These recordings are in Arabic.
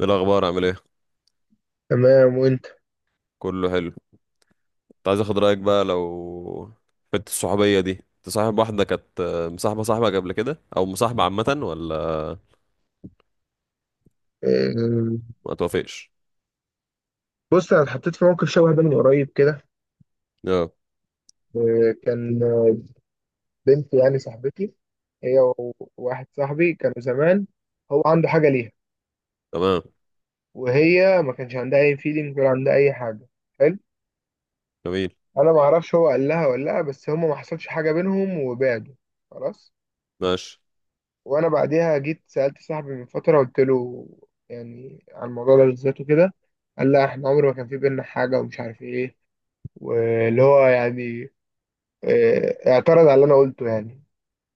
ايه الاخبار، عامل ايه؟ تمام، وانت؟ كله حلو. كنت عايز اخد رايك بقى، لو حته الصحوبيه دي، انت صاحب واحده كانت مصاحبه صاحبك قبل كده، او مصاحبه عامه، ولا آه، ما توافقش؟ بص، انا اتحطيت في موقف شبه ده من قريب كده. اه، كان بنت يعني صاحبتي. هي وواحد صاحبي كانوا زمان. هو عنده حاجه ليها، تمام. وهي ما كانش عندها اي فيلينج ولا عندها اي حاجه. حلو. جميل. انا ما اعرفش هو قال لها ولا لا، بس هما ما حصلش حاجه بينهم وبعدوا. خلاص. ماشي. وانا بعديها جيت سالت صاحبي من فتره، قلت له يعني عن الموضوع ده بالذات وكده. قال لا، احنا عمر ما كان في بينا حاجه ومش عارف ايه. واللي هو يعني اعترض على اللي انا قلته يعني.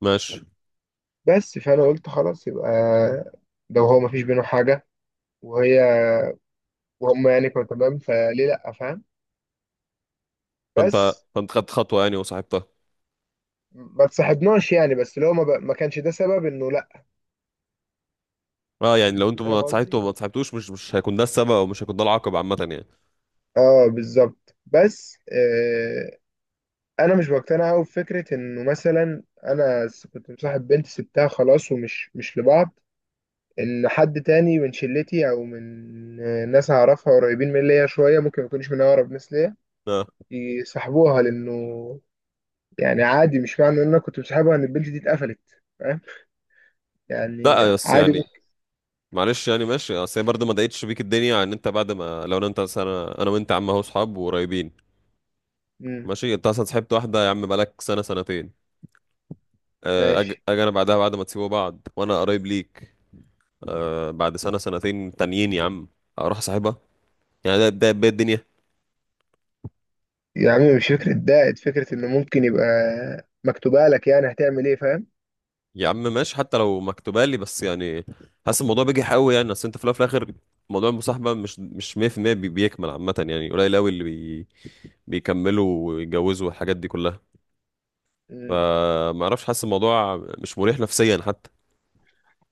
ماشي. بس فانا قلت خلاص، يبقى ده، وهو مفيش بينه حاجه. وهي وهم يعني كانوا تمام، فليه لا، فاهم؟ فانت بس فانت خدت خطوه يعني وصاحبتها. ما تصاحبناش يعني. بس لو ما كانش ده سبب انه لا. اه يعني، لو انتوا ما فاهم اتصاحبتوا قصدي. وما اتصاحبتوش، مش هيكون ده السبب، او مش هيكون ده العقب عامه يعني. اه بالظبط. بس انا مش بقتنع قوي بفكره انه مثلا انا كنت مصاحب بنت، سبتها خلاص، ومش مش لبعض. ان حد تاني من شلتي او من ناس اعرفها قريبين من ليا شويه، ممكن ما يكونش من اقرب ناس ليا، اه. يسحبوها. لانه يعني عادي، مش معنى ان انا كنت بسحبها ان البيج دي اتقفلت. فاهم يعني. لا بس عادي يعني ممكن. معلش يعني، ماشي، اصل هي برضه ما ضايقتش بيك الدنيا، ان انت بعد ما لو انا انت، انا وانت يا عم، اهو صحاب وقريبين. مم. ماشي، انت اصلا صاحبت واحده يا عم بقالك سنه سنتين، ماشي. اجي انا بعدها، بعد ما تسيبوا بعض وانا قريب ليك، بعد سنه سنتين تانيين يا عم، اروح صاحبها؟ يعني ده بدايه الدنيا. يا عم مش فكرة دائت، فكرة انه ممكن يبقى مكتوبة لك، يعني هتعمل ايه؟ فاهم. يا عم ماشي، حتى لو مكتوبه لي، بس يعني حاسس الموضوع بيجي قوي يعني، اصل انت في الاول وفي الاخر موضوع المصاحبه مش 100% بيكمل عامه، يعني قليل قوي اللي بيكملوا ويتجوزوا والحاجات دي كلها. مم. فما اعرفش، حاسس الموضوع مش مريح نفسيا حتى.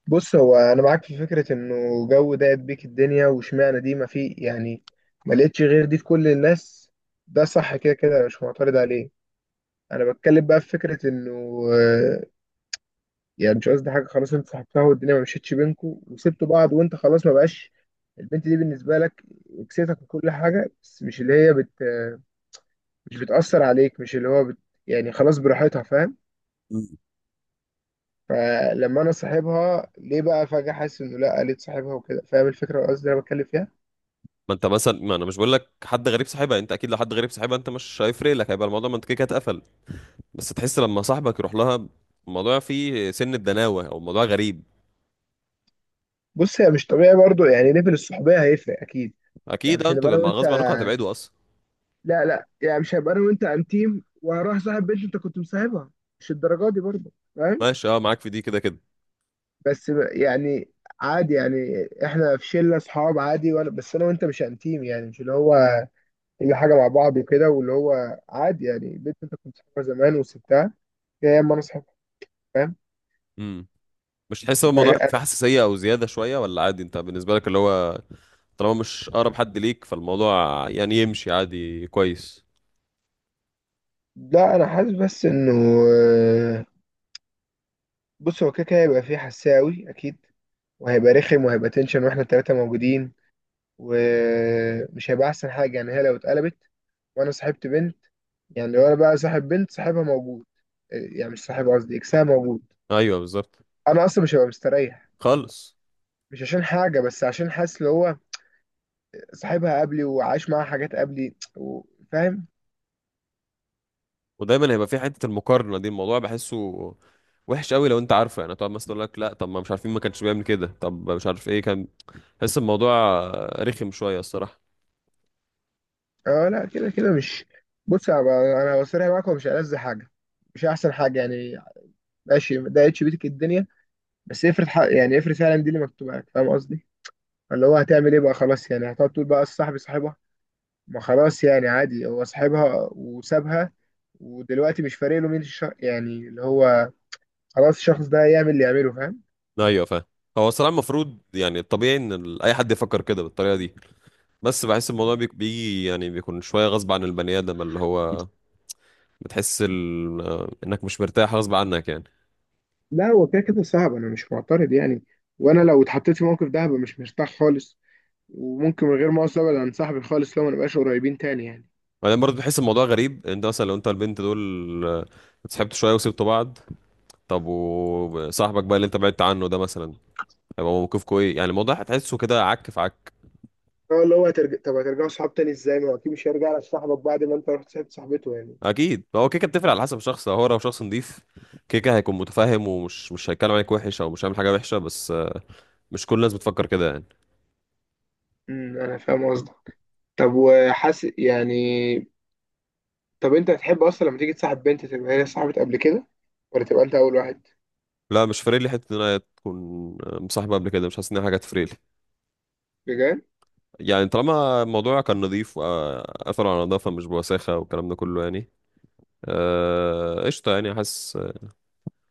بص، هو انا معاك في فكرة انه جو دائت بيك الدنيا، واشمعنى دي، ما في يعني، ما لقيتش غير دي في كل الناس. ده صح كده كده، مش معترض عليه. انا بتكلم بقى في فكرة انه يعني مش قصدي حاجه. خلاص، انت صاحبتها والدنيا ما مشيتش بينكوا، وسبتوا بعض، وانت خلاص ما بقاش البنت دي بالنسبه لك، كسيتك وكل حاجه. بس مش اللي هي بت، مش بتاثر عليك، مش اللي هو بت، يعني خلاص، براحتها. فاهم. مم. فلما انا صاحبها ليه بقى فجاه، حاسس انه لا قالت صاحبها وكده. فاهم الفكره، قصدي انا بتكلم فيها. ما انت مثلا، ما انا مش بقول لك حد غريب صاحبها، انت اكيد لو حد غريب صاحبها انت مش هيفرق لك، هيبقى الموضوع، ما انت كده كده اتقفل. بس تحس لما صاحبك يروح لها، الموضوع فيه سن الدناوة، او الموضوع غريب. بص، هي مش طبيعي برضو. يعني ليفل الصحوبيه هيفرق اكيد. يعني اكيد، مش هنبقى انتوا انا وانت. غصب عنكم هتبعدوا اصلا. لا لا، يعني مش هبقى انا وانت انتيم وهروح صاحب بنت انت كنت مصاحبها. مش الدرجه دي برضو. فاهم. ماشي، اه معاك في دي كده كده. بس يعني عادي، يعني احنا في شله اصحاب عادي، وانا بس انا وانت مش انتيم يعني، مش اللي هو كل حاجه مع بعض وكده، واللي هو عادي يعني البنت انت كنت صاحبها زمان وسبتها، يا اما انا صاحبها. فاهم. امم. مش تحس ان ده الموضوع غ- أنا... فيه حساسية او زيادة شوية، ولا عادي انت بالنسبة لك اللي هو طالما مش اقرب حد ليك، فالموضوع يعني يمشي عادي كويس. لا انا حاسس بس انه آه، بص، هو كده كده هيبقى فيه حساوي اكيد، وهيبقى رخم وهيبقى تنشن واحنا التلاته موجودين، ومش هيبقى احسن حاجه. يعني هي لو اتقلبت وانا صاحبت بنت، يعني لو انا بقى صاحب بنت صاحبها موجود، يعني مش صاحب قصدي، اكسها موجود، ايوه بالظبط. انا اصلا مش هبقى مستريح. خالص. مش عشان حاجه، بس عشان حاسس اللي هو صاحبها قبلي وعايش معاها حاجات قبلي فاهم. ودايما هيبقى في حته المقارنه دي، الموضوع بحسه وحش قوي، لو انت عارفه يعني، تقعد مثلا تقول لك لا، طب ما مش عارفين، ما كانش بيعمل كده، طب مش عارف ايه كان. بحس الموضوع رخم شويه الصراحه. اه لا كده كده مش. بص انا أنا بصريح معاك، هو مش ألذ حاجه، مش احسن حاجه يعني. ماشي ما ضايقتش بيتك الدنيا، بس افرض حق، يعني افرض فعلا دي اللي مكتوبه لك، فاهم قصدي. اللي هو هتعمل ايه بقى خلاص؟ يعني هتقعد تقول بقى صاحبي صاحبها. ما خلاص، يعني عادي هو صاحبها وسابها، ودلوقتي مش فارق له مين الشخص، يعني اللي هو خلاص الشخص ده يعمل اللي يعمله. فاهم. ايوه فاهم. هو الصراحه المفروض يعني الطبيعي، ان اي حد يفكر كده بالطريقه دي، بس بحس الموضوع بيجي يعني، بيكون شويه غصب عن البني ادم، اللي هو بتحس ال... آه، انك مش مرتاح غصب عنك يعني. لا هو كده كده صعب، انا مش معترض يعني. وانا لو اتحطيت في موقف ده هبقى مش مرتاح خالص، وممكن من غير مؤاخذه ابعد عن صاحبي خالص لو ما نبقاش قريبين تاني يعني. وبعدين برضه بحس الموضوع غريب. انت مثلا لو انت البنت دول اتصاحبتوا شويه وسبتوا بعض، طب وصاحبك بقى اللي انت بعدت عنه ده مثلا، هيبقى موقفكوا ايه؟ يعني الموضوع هتحسه كده عك في عك. هو اللي هو طب هترجعوا صحاب تاني ازاي؟ ما هو اكيد مش هيرجع لك صاحبك بعد ما انت رحت صاحبت صاحبته يعني. اكيد، هو كيكه بتفرق على حسب الشخص، هو لو شخص نضيف كيكه هيكون متفاهم، ومش مش هيتكلم عليك وحش، او مش هيعمل حاجه وحشه، بس مش كل الناس بتفكر كده يعني. امم، انا فاهم قصدك. طب وحاسس يعني. طب انت هتحب اصلا لما تيجي تصاحب بنت تبقى هي صاحبت قبل كده، ولا تبقى انت اول واحد؟ لا مش فارق لي حته ان انا تكون مصاحبه قبل كده، مش حاسس ان هي حاجه تفرق لي. بجد؟ يعني طالما الموضوع كان نظيف واثر على نظافه مش بوساخه والكلام ده كله يعني، قشطه يعني، حاسس.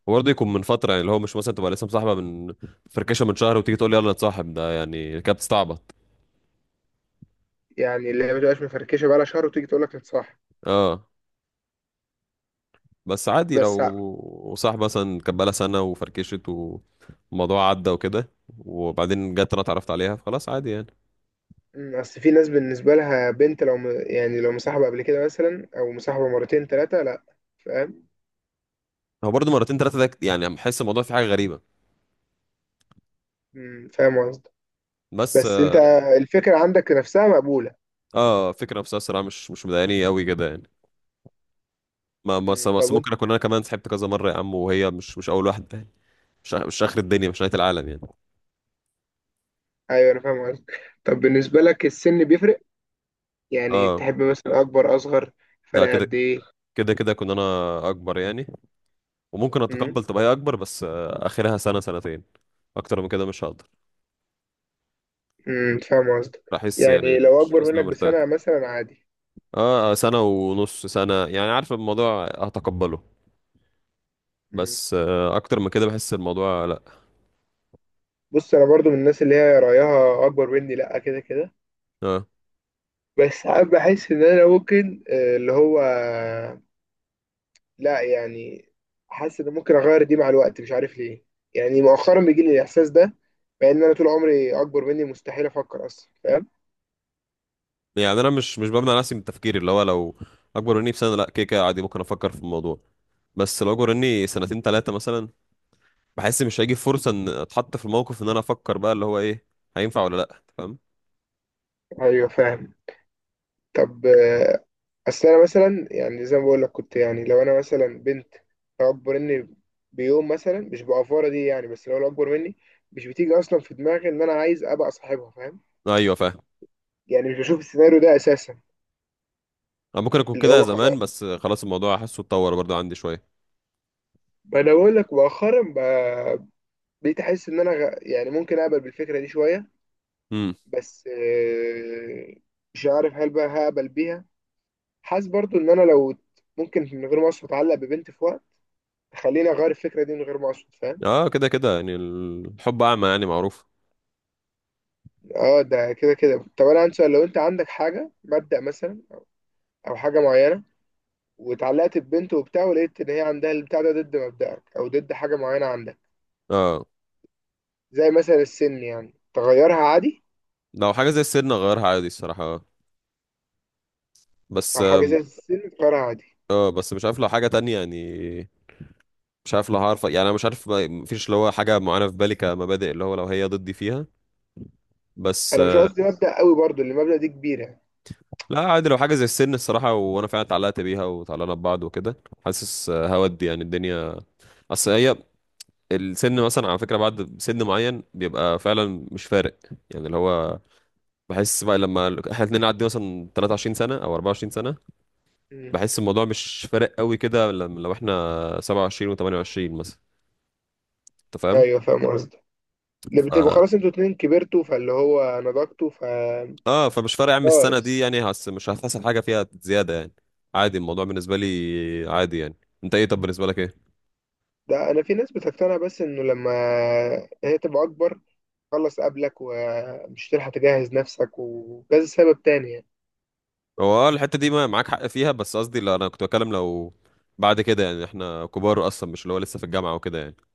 وبرضه يكون من فتره يعني، اللي هو مش مثلا تبقى لسه مصاحبه من فركشه من شهر، وتيجي تقول لي يلا نتصاحب، ده يعني كده بتستعبط. يعني اللي هي ما تبقاش مفركشه بقى لها شهر وتيجي تقول لك نتصاحب. اه. بس عادي بس. لو صاحبه مثلا كانت بقالها سنه وفركشت، والموضوع عدى وكده، وبعدين جت انا اتعرفت عليها، فخلاص عادي يعني. مم، اصل في ناس بالنسبه لها بنت لو يعني لو مصاحبه قبل كده مثلا او مصاحبه مرتين ثلاثه لا. فاهم. هو برضه مرتين ثلاثه ده يعني بحس الموضوع فيه حاجه غريبه، مم، فاهم قصدك. بس. بس انت الفكره عندك نفسها مقبوله. اه، فكرة نفسها الصراحة مش مضايقاني قوي كده يعني. ما بس مم، طب بس وانت. ممكن اكون انا كمان سحبت كذا مرة يا عم، وهي مش اول واحدة يعني. مش اخر الدنيا، مش نهاية العالم يعني. ايوه انا فاهم قصدك. طب بالنسبه لك السن بيفرق؟ يعني اه. تحب مثلا اكبر، اصغر، لا فرق كده قد ايه؟ كده كده كنت انا اكبر يعني. وممكن مم. اتقبل تبقى هي اكبر، بس اخرها سنة سنتين، اكتر من كده مش هقدر. مم، فاهم قصدك. احس يعني يعني لو مش اكبر حاسس ان انا منك مرتاح. بسنه مثلا عادي. اه سنة ونص سنة يعني، عارف الموضوع هتقبله، مم. بس اكتر من كده بحس الموضوع لا. بص انا برضو من الناس اللي هي رايها اكبر مني لا، كده كده. اه بس ساعات بحس ان انا ممكن اللي هو لا يعني حاسس ان ممكن اغير دي مع الوقت، مش عارف ليه. يعني مؤخرا بيجي لي الاحساس ده، مع ان انا طول عمري اكبر مني مستحيل افكر اصلا. فاهم. يعني انا مش بمنع نفسي من التفكير اللي هو، لو اكبر مني بسنه لا كده كده عادي ممكن افكر في الموضوع، بس لو اكبر مني سنتين ثلاثه مثلا، بحس مش هيجي فرصه ان اتحط في الموقف ان انا افكر بقى اللي هو ايه، هينفع ولا لا، أنت فاهم؟ ايوه فاهم. طب اصل انا مثلا يعني زي ما بقول لك كنت، يعني لو انا مثلا بنت، لو اكبر مني بيوم مثلا، مش بأفورة دي يعني، بس لو اكبر مني، مش بتيجي اصلا في دماغي ان انا عايز ابقى صاحبها. فاهم. ايوه فاهم. يعني مش بشوف السيناريو ده اساسا. انا ممكن اكون اللي كده هو زمان، خلاص، بس خلاص الموضوع حاسه اتطور برضه عندي شويه. ما انا بقول لك مؤخرا بقيت احس ان انا يعني ممكن اقبل بالفكره دي شويه. امم. بس مش عارف هل بقى هقبل بيها. حاسس برضو ان انا لو ممكن من غير ما اقصد اتعلق ببنت في وقت تخليني اغير الفكره دي من غير ما اقصد. فاهم. اه كده كده يعني، الحب اعمى يعني، معروف. اه، ده كده كده. طب انا عندي سؤال. لو انت عندك حاجه مبدأ مثلا، او حاجه معينه، واتعلقت ببنت وبتاع، ولقيت ان هي عندها البتاع ده ضد مبدأك او ضد حاجه معينه عندك، اه، زي مثلا السن، يعني تغيرها عادي؟ لو حاجه زي السن اغيرها عادي الصراحه. بس، او حاجه زي السن تغيرها عادي؟ اه بس مش عارف لو حاجه تانية يعني. مش عارف لو هعرف يعني، انا مش عارف مفيش اللي هو حاجه معينه في بالي كمبادئ، اللي هو لو هي ضدي فيها، بس انا مش قصدي مبدأ قوي برضو، اللي المبدأ دي كبيره. لا عادي لو حاجه زي السن الصراحه، وانا فعلا اتعلقت بيها وتعلقنا ببعض وكده، حاسس هودي يعني الدنيا. اصل هي، السن مثلا على فكره بعد سن معين بيبقى فعلا مش فارق، يعني اللي هو بحس بقى لما احنا اتنين نعدي مثلا 23 سنه او 24 سنه، مم. بحس الموضوع مش فارق قوي كده، لو احنا 27 و28 مثلا، انت فاهم؟ ايوه فاهم قصدي. ده ف، بتبقوا خلاص انتوا اتنين كبرتوا فاللي هو نضجتوا اه فمش فارق يا عم السنه خلاص. دي يعني، هس مش هتحصل حاجه فيها زياده يعني. عادي الموضوع بالنسبه لي عادي يعني. انت ايه؟ طب بالنسبه لك ايه؟ ده انا في ناس بتقتنع بس انه لما هي تبقى اكبر، خلص قبلك ومش تلحق تجهز نفسك، وكذا سبب تاني يعني. هو اه الحته دي معاك حق فيها، بس قصدي لا انا كنت بتكلم لو بعد كده يعني، احنا كبار اصلا، مش اللي هو لسه في الجامعه وكده يعني.